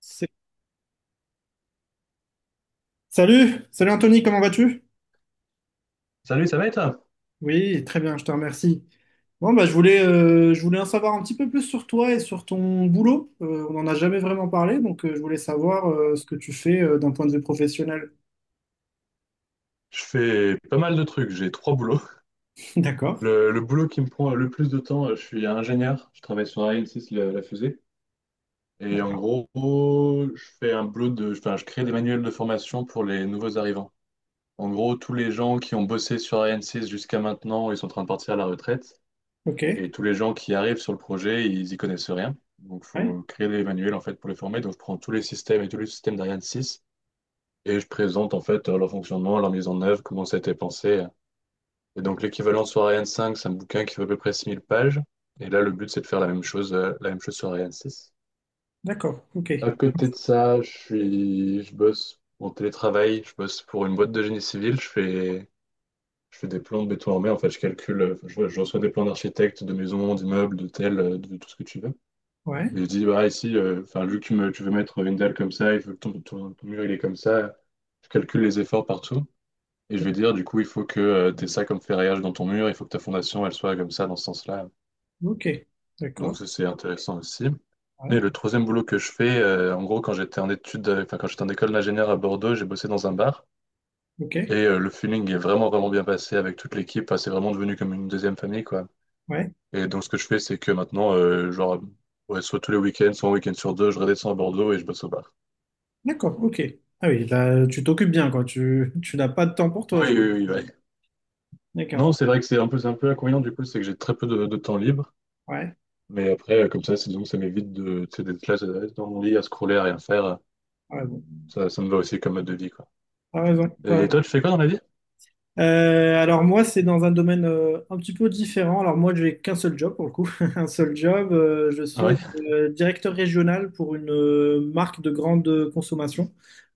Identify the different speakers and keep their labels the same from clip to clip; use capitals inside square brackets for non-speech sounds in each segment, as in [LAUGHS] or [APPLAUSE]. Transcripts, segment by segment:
Speaker 1: C'est- Salut, salut Anthony, comment vas-tu?
Speaker 2: Salut, ça va et toi?
Speaker 1: Oui, très bien, je te remercie. Bon, bah, je voulais en savoir un petit peu plus sur toi et sur ton boulot. On n'en a jamais vraiment parlé, donc je voulais savoir ce que tu fais d'un point de vue professionnel.
Speaker 2: Je fais pas mal de trucs, j'ai trois boulots.
Speaker 1: [LAUGHS] D'accord,
Speaker 2: Le boulot qui me prend le plus de temps, je suis ingénieur, je travaille sur Ariane 6, la fusée. Et en gros, je fais un boulot de, enfin, je crée des manuels de formation pour les nouveaux arrivants. En gros, tous les gens qui ont bossé sur Ariane 6 jusqu'à maintenant, ils sont en train de partir à la retraite.
Speaker 1: ok.
Speaker 2: Et tous les gens qui arrivent sur le projet, ils y connaissent rien. Donc, il
Speaker 1: Ouais,
Speaker 2: faut créer des manuels en fait pour les former. Donc, je prends tous les systèmes et tous les systèmes d'Ariane 6 et je présente en fait leur fonctionnement, leur mise en œuvre, comment ça a été pensé. Et donc l'équivalent sur Ariane 5, c'est un bouquin qui fait à peu près 6 000 pages. Et là, le but, c'est de faire la même chose sur Ariane 6.
Speaker 1: d'accord, ok.
Speaker 2: À côté de ça, je bosse en télétravail, je bosse pour une boîte de génie civil, je fais des plans de béton armé, en fait, je calcule, je reçois des plans d'architectes, de maisons, d'immeubles, d'hôtels, de tout ce que tu veux.
Speaker 1: Ouais,
Speaker 2: Et je dis, bah ici, enfin, vu que tu me- tu veux mettre une dalle comme ça, il faut que ton mur, il est comme ça, je calcule les efforts partout. Et je vais dire, du coup, il faut que tu aies ça comme ferraillage dans ton mur, il faut que ta fondation, elle soit comme ça, dans ce sens-là.
Speaker 1: ok. D'accord,
Speaker 2: Donc ça, c'est intéressant aussi. Et
Speaker 1: ouais,
Speaker 2: le troisième boulot que je fais, en gros, quand j'étais en école d'ingénieur à Bordeaux, j'ai bossé dans un bar. Et
Speaker 1: ok.
Speaker 2: le feeling est vraiment, vraiment bien passé avec toute l'équipe. Enfin, c'est vraiment devenu comme une deuxième famille, quoi.
Speaker 1: Ouais,
Speaker 2: Et donc, ce que je fais, c'est que maintenant, genre, ouais, soit tous les week-ends, soit un week-end sur deux, je redescends à Bordeaux et je bosse au bar.
Speaker 1: d'accord, ok. Ah oui, là, tu t'occupes bien, quoi. Tu n'as pas de temps pour toi.
Speaker 2: Oui, oui, oui, ouais.
Speaker 1: D'accord,
Speaker 2: Non, c'est vrai que c'est un peu inconvénient, du coup, c'est que j'ai très peu de temps libre.
Speaker 1: ouais,
Speaker 2: Mais après, comme ça, disons que ça m'évite de, tu sais, d'être là dans mon lit à scroller, à rien faire.
Speaker 1: t'as
Speaker 2: Ça me va aussi comme mode de vie, quoi.
Speaker 1: raison, t'as
Speaker 2: Et
Speaker 1: raison.
Speaker 2: toi, tu fais quoi dans la vie?
Speaker 1: Alors moi, c'est dans un domaine un petit peu différent. Alors moi, j'ai qu'un seul job pour le coup, [LAUGHS] un seul job. Je
Speaker 2: Ah
Speaker 1: suis
Speaker 2: ouais?
Speaker 1: directeur régional pour une marque de grande consommation,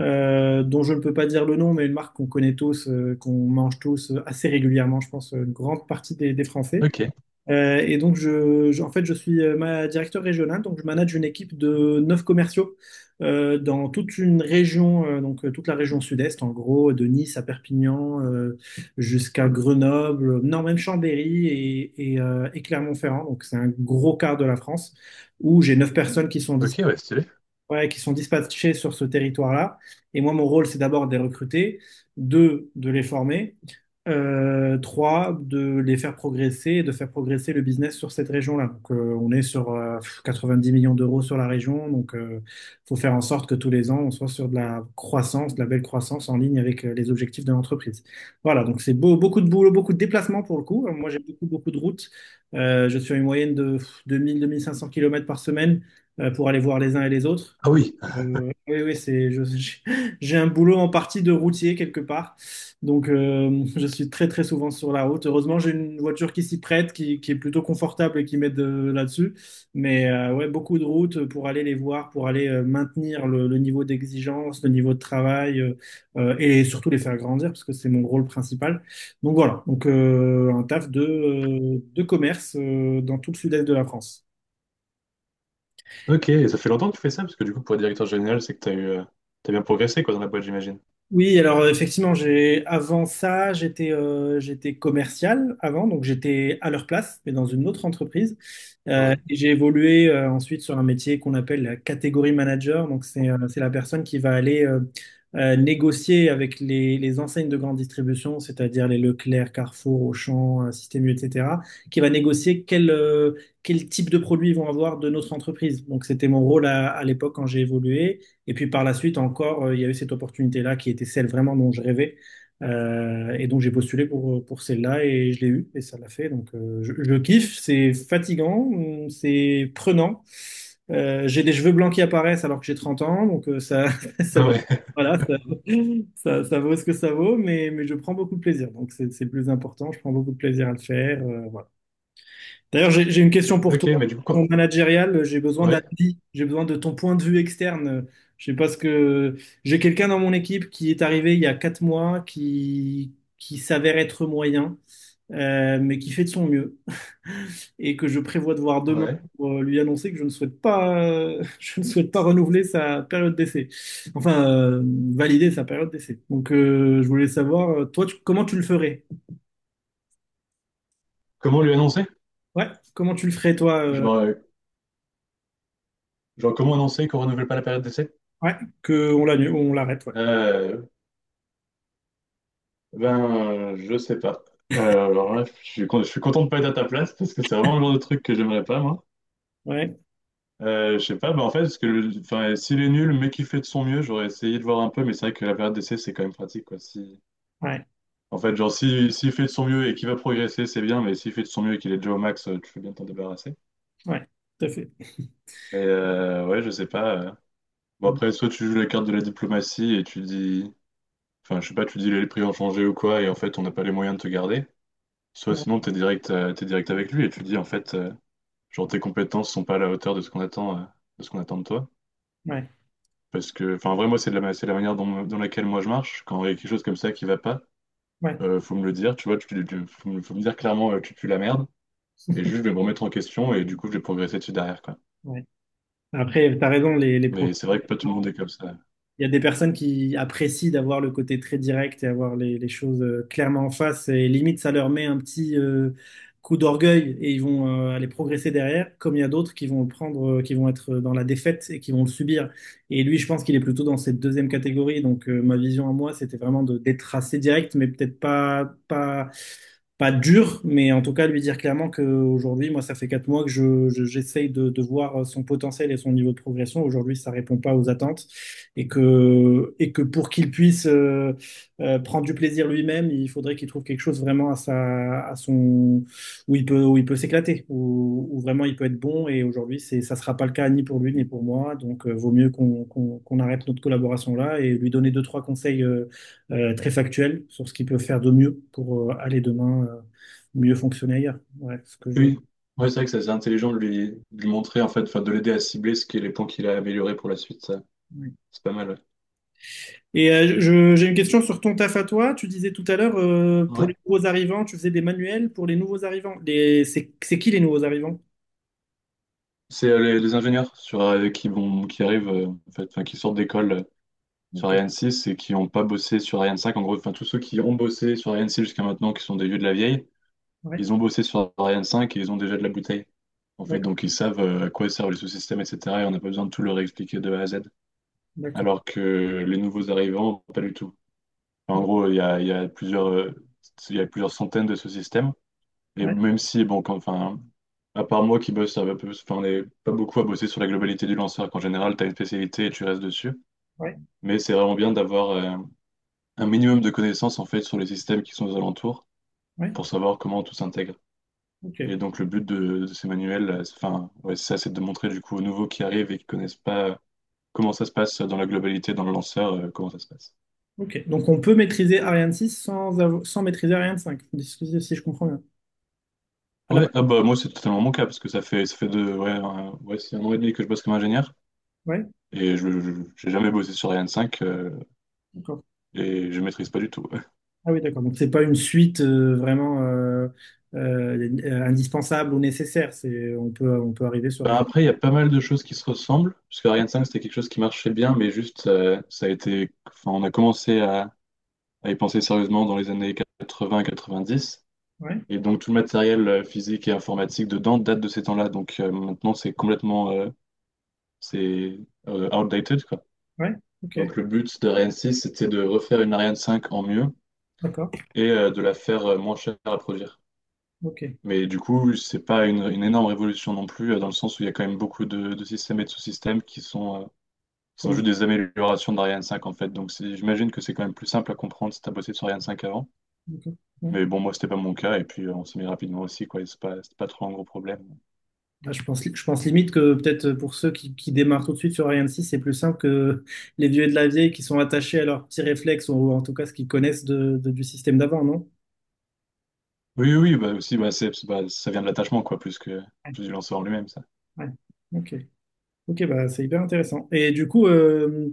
Speaker 1: dont je ne peux pas dire le nom, mais une marque qu'on connaît tous, qu'on mange tous assez régulièrement, je pense, une grande partie des Français.
Speaker 2: Ok.
Speaker 1: Donc, je suis ma directeur régional, donc je manage une équipe de 9 commerciaux dans toute une région, donc toute la région sud-est, en gros, de Nice à Perpignan jusqu'à Grenoble, non, même Chambéry et Clermont-Ferrand, donc c'est un gros quart de la France, où j'ai 9 personnes qui sont
Speaker 2: Ok,
Speaker 1: disponibles,
Speaker 2: ouais, stylé.
Speaker 1: ouais, qui sont dispatchés sur ce territoire-là. Et moi, mon rôle, c'est d'abord de les recruter, deux, de les former, trois, de les faire progresser et de faire progresser le business sur cette région-là. Donc, on est sur 90 millions d'euros sur la région, donc il faut faire en sorte que tous les ans, on soit sur de la croissance, de la belle croissance en ligne avec les objectifs de l'entreprise. Voilà, donc c'est beaucoup de boulot, beaucoup de déplacements pour le coup. Moi, j'ai beaucoup, beaucoup de routes. Je suis à une moyenne de 2000-2500 km par semaine pour aller voir les uns et les autres.
Speaker 2: Ah
Speaker 1: Donc,
Speaker 2: oui.
Speaker 1: oui, oui, [LAUGHS] j'ai un boulot en partie de routier quelque part. Donc, je suis très, très souvent sur la route. Heureusement, j'ai une voiture qui s'y prête, qui est plutôt confortable et qui m'aide là-dessus. Mais ouais, beaucoup de routes pour aller les voir, pour aller maintenir le niveau d'exigence, le niveau de travail et surtout les faire grandir parce que c'est mon rôle principal. Donc voilà, donc un taf de commerce dans tout le sud-est de la France.
Speaker 2: Ok, et ça fait longtemps que tu fais ça, parce que du coup, pour être directeur général, c'est que t'as eu, t'as bien progressé, quoi, dans la boîte, j'imagine.
Speaker 1: Oui, alors effectivement, j'étais commercial avant, donc j'étais à leur place, mais dans une autre entreprise.
Speaker 2: Ah ouais.
Speaker 1: Et j'ai évolué ensuite sur un métier qu'on appelle la catégorie manager. Donc c'est la personne qui va aller négocier avec les enseignes de grande distribution, c'est-à-dire les Leclerc, Carrefour, Auchan, Système U, etc., qui va négocier quel type de produits ils vont avoir de notre entreprise. Donc c'était mon rôle à l'époque quand j'ai évolué. Et puis par la suite encore, il y a eu cette opportunité-là qui était celle vraiment dont je rêvais. Et donc j'ai postulé pour celle-là et je l'ai eue et ça l'a fait. Donc je kiffe, c'est fatigant, c'est prenant. J'ai des cheveux blancs qui apparaissent alors que j'ai 30 ans, donc ça, [LAUGHS] c'est
Speaker 2: Ah
Speaker 1: vrai.
Speaker 2: ouais. [LAUGHS]
Speaker 1: Voilà, ça vaut ce que ça vaut, mais je prends beaucoup de plaisir. Donc c'est le plus important, je prends beaucoup de plaisir à le faire. Voilà. D'ailleurs, j'ai une question pour
Speaker 2: Ok,
Speaker 1: toi.
Speaker 2: mais du coup,
Speaker 1: Ton
Speaker 2: quoi?
Speaker 1: managérial, j'ai besoin d'un
Speaker 2: Ouais.
Speaker 1: avis, j'ai besoin de ton point de vue externe. Je sais pas ce que j'ai quelqu'un dans mon équipe qui est arrivé il y a 4 mois, qui s'avère être moyen, mais qui fait de son mieux et que je prévois de voir demain
Speaker 2: Ouais.
Speaker 1: pour lui annoncer que je ne souhaite pas, [LAUGHS] je ne souhaite pas renouveler sa période d'essai. Enfin, valider sa période d'essai. Donc, je voulais savoir, comment tu le ferais?
Speaker 2: Comment lui annoncer?
Speaker 1: Ouais, comment tu le ferais toi?
Speaker 2: Genre, euh, genre comment annoncer qu'on renouvelle pas la période d'essai?
Speaker 1: Ouais, que on l'annule, on l'arrête. Ouais.
Speaker 2: Euh, ben, je sais pas. Euh, alors là, je suis content de pas être à ta place, parce que c'est vraiment le genre de truc que j'aimerais pas, moi.
Speaker 1: Ouais.
Speaker 2: Je sais pas, bah en fait, parce que enfin, s'il est nul, mais qu'il fait de son mieux, j'aurais essayé de voir un peu, mais c'est vrai que la période d'essai, c'est quand même pratique, quoi. Si,
Speaker 1: Ouais,
Speaker 2: en fait, genre, si, s'il fait de son mieux et qu'il va progresser, c'est bien, mais s'il fait de son mieux et qu'il est déjà au max, tu peux bien t'en débarrasser.
Speaker 1: ouais, tout à fait.
Speaker 2: Et ouais, je sais pas. Bon, après, soit tu joues la carte de la diplomatie et tu dis, enfin, je sais pas, tu dis les prix ont changé ou quoi, et en fait, on n'a pas les moyens de te garder. Soit
Speaker 1: Ouais,
Speaker 2: sinon, t'es direct avec lui et tu dis, en fait, genre, tes compétences sont pas à la hauteur de ce qu'on attend, de toi.
Speaker 1: ouais,
Speaker 2: Parce que, enfin, vraiment, c'est la manière dont, dans laquelle moi je marche. Quand il y a quelque chose comme ça qui va pas,
Speaker 1: ouais.
Speaker 2: faut me le dire, tu vois, faut me dire clairement, tu pues la merde. Et juste,
Speaker 1: [LAUGHS]
Speaker 2: je vais me remettre en question et du coup, je vais progresser dessus derrière, quoi.
Speaker 1: Ouais. Après, tu as raison, les
Speaker 2: Mais
Speaker 1: profils.
Speaker 2: c'est vrai que pas tout le monde est comme ça.
Speaker 1: Il y a des personnes qui apprécient d'avoir le côté très direct et avoir les choses clairement en face et limite ça leur met un petit coup d'orgueil et ils vont aller progresser derrière, comme il y a d'autres qui vont le prendre, qui vont être dans la défaite et qui vont le subir. Et lui, je pense qu'il est plutôt dans cette deuxième catégorie. Donc ma vision à moi, c'était vraiment de d'être assez direct, mais peut-être pas dur, mais en tout cas lui dire clairement que aujourd'hui, moi, ça fait 4 mois que j'essaye de voir son potentiel et son niveau de progression. Aujourd'hui, ça répond pas aux attentes et que, pour qu'il puisse prendre du plaisir lui-même, il faudrait qu'il trouve quelque chose vraiment à sa, à son, où il peut s'éclater, où vraiment il peut être bon. Et aujourd'hui, ça sera pas le cas ni pour lui ni pour moi. Donc, vaut mieux qu'on arrête notre collaboration là et lui donner deux, trois conseils très factuels sur ce qu'il peut faire de mieux pour aller demain mieux fonctionner ailleurs. Ouais, ce que je.
Speaker 2: Oui, ouais, c'est vrai que ça, c'est intelligent de lui montrer, en fait, enfin, de l'aider à cibler ce qui est les points qu'il a améliorés pour la suite, ça.
Speaker 1: Ouais.
Speaker 2: C'est pas mal, ouais.
Speaker 1: Et j'ai une question sur ton taf à toi. Tu disais tout à l'heure, pour
Speaker 2: Ouais.
Speaker 1: les nouveaux arrivants, tu faisais des manuels pour les nouveaux arrivants. C'est qui les nouveaux arrivants?
Speaker 2: C'est les ingénieurs sur, qui arrivent, en fait, enfin, qui sortent d'école. Sur
Speaker 1: Ok,
Speaker 2: Ariane 6 et qui n'ont pas bossé sur Ariane 5. En gros, enfin, tous ceux qui ont bossé sur Ariane 6 jusqu'à maintenant, qui sont des vieux de la vieille,
Speaker 1: ouais,
Speaker 2: ils ont bossé sur Ariane 5 et ils ont déjà de la bouteille. En fait,
Speaker 1: d'accord,
Speaker 2: donc ils savent à quoi servent les sous-systèmes, etc. Et on n'a pas besoin de tout leur expliquer de A à Z.
Speaker 1: d'accord.
Speaker 2: Alors que les nouveaux arrivants, pas du tout. Enfin, en
Speaker 1: Ouais,
Speaker 2: gros, il y a plusieurs centaines de sous-systèmes. Et même si, bon, enfin, à part moi qui bosse, enfin, on n'est pas beaucoup à bosser sur la globalité du lanceur. Qu'en général, tu as une spécialité et tu restes dessus.
Speaker 1: ouais,
Speaker 2: Mais c'est vraiment bien d'avoir un minimum de connaissances en fait sur les systèmes qui sont aux alentours
Speaker 1: ouais,
Speaker 2: pour savoir comment tout s'intègre. Et
Speaker 1: ok,
Speaker 2: donc le but de ces manuels, enfin, ouais, c'est ça, c'est de montrer du coup aux nouveaux qui arrivent et qui connaissent pas comment ça se passe dans la globalité, dans le lanceur, comment ça se passe.
Speaker 1: ok. Donc on peut maîtriser Ariane six sans maîtriser Ariane 5, si je comprends bien. À la base,
Speaker 2: Ouais, ah bah moi c'est totalement mon cas parce que ça fait deux, ouais, un, ouais, c'est un an et demi que je bosse comme ingénieur
Speaker 1: ouais,
Speaker 2: et j'ai jamais bossé sur Ariane 5
Speaker 1: d'accord.
Speaker 2: et je maîtrise pas du tout. [LAUGHS]
Speaker 1: Ah oui, d'accord. Donc c'est pas une suite vraiment indispensable ou nécessaire. On peut, on peut arriver sur
Speaker 2: Ben
Speaker 1: rien.
Speaker 2: après il y a pas mal de choses qui se ressemblent parce que Ariane 5 c'était quelque chose qui marchait bien mais juste ça a été, enfin on a commencé à y penser sérieusement dans les années 80-90.
Speaker 1: Ouais,
Speaker 2: Et donc tout le matériel physique et informatique dedans date de ces temps-là. Donc maintenant, c'est complètement c'est outdated, quoi.
Speaker 1: ouais, ok,
Speaker 2: Donc le but de Ariane 6, c'était de refaire une Ariane 5 en mieux
Speaker 1: d'accord,
Speaker 2: et de la faire moins chère à produire.
Speaker 1: ok.
Speaker 2: Mais du coup, c'est pas une énorme révolution non plus, dans le sens où il y a quand même beaucoup de systèmes et de sous-systèmes qui sont juste
Speaker 1: Comment?
Speaker 2: des améliorations d'Ariane 5 en fait. Donc j'imagine que c'est quand même plus simple à comprendre si t'as bossé sur Ariane 5 avant.
Speaker 1: D'accord. Ouais.
Speaker 2: Mais bon, moi, c'était pas mon cas, et puis on s'est mis rapidement aussi, quoi, et c'est pas trop un gros problème.
Speaker 1: Ah, je pense limite que peut-être pour ceux qui démarrent tout de suite sur Ariane 6, c'est plus simple que [LAUGHS] les vieux et de la vieille qui sont attachés à leurs petits réflexes, ou en tout cas ce qu'ils connaissent du système d'avant, non?
Speaker 2: Oui, oui, oui, bah aussi, bah, bah, ça vient de l'attachement, quoi, plus que
Speaker 1: Ouais,
Speaker 2: plus du lanceur en lui-même, ça.
Speaker 1: ouais. Ok. Ok, bah, c'est hyper intéressant. Et du coup, euh,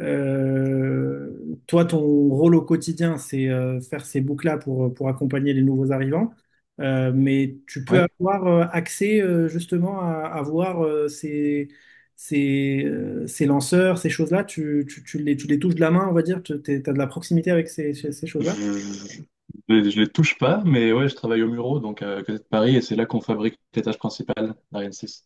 Speaker 1: euh, toi, ton rôle au quotidien, c'est faire ces boucles-là pour accompagner les nouveaux arrivants. Mais tu peux
Speaker 2: Ouais,
Speaker 1: avoir accès justement à voir euh, ces lanceurs, ces choses-là, tu les touches de la main, on va dire, tu as de la proximité avec ces
Speaker 2: je,
Speaker 1: choses-là.
Speaker 2: je, je je les touche pas, mais ouais, je travaille au Muro, donc à côté de Paris, et c'est là qu'on fabrique les tâches principales d'Ariane 6.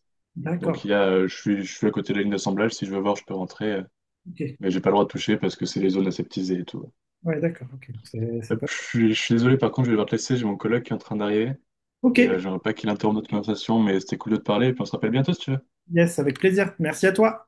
Speaker 2: Donc
Speaker 1: D'accord,
Speaker 2: il y a, je suis à côté de la ligne d'assemblage, si je veux voir, je peux rentrer,
Speaker 1: ok.
Speaker 2: mais j'ai pas le droit de toucher parce que c'est les zones aseptisées et tout.
Speaker 1: Ouais, d'accord, ok. C'est pas...
Speaker 2: Hop, je suis désolé, par contre, je vais devoir te laisser, j'ai mon collègue qui est en train d'arriver, et
Speaker 1: Ok,
Speaker 2: j'aimerais pas qu'il interrompe notre conversation, mais c'était cool de te parler, et puis on se rappelle bientôt si tu veux.
Speaker 1: yes, avec plaisir. Merci à toi.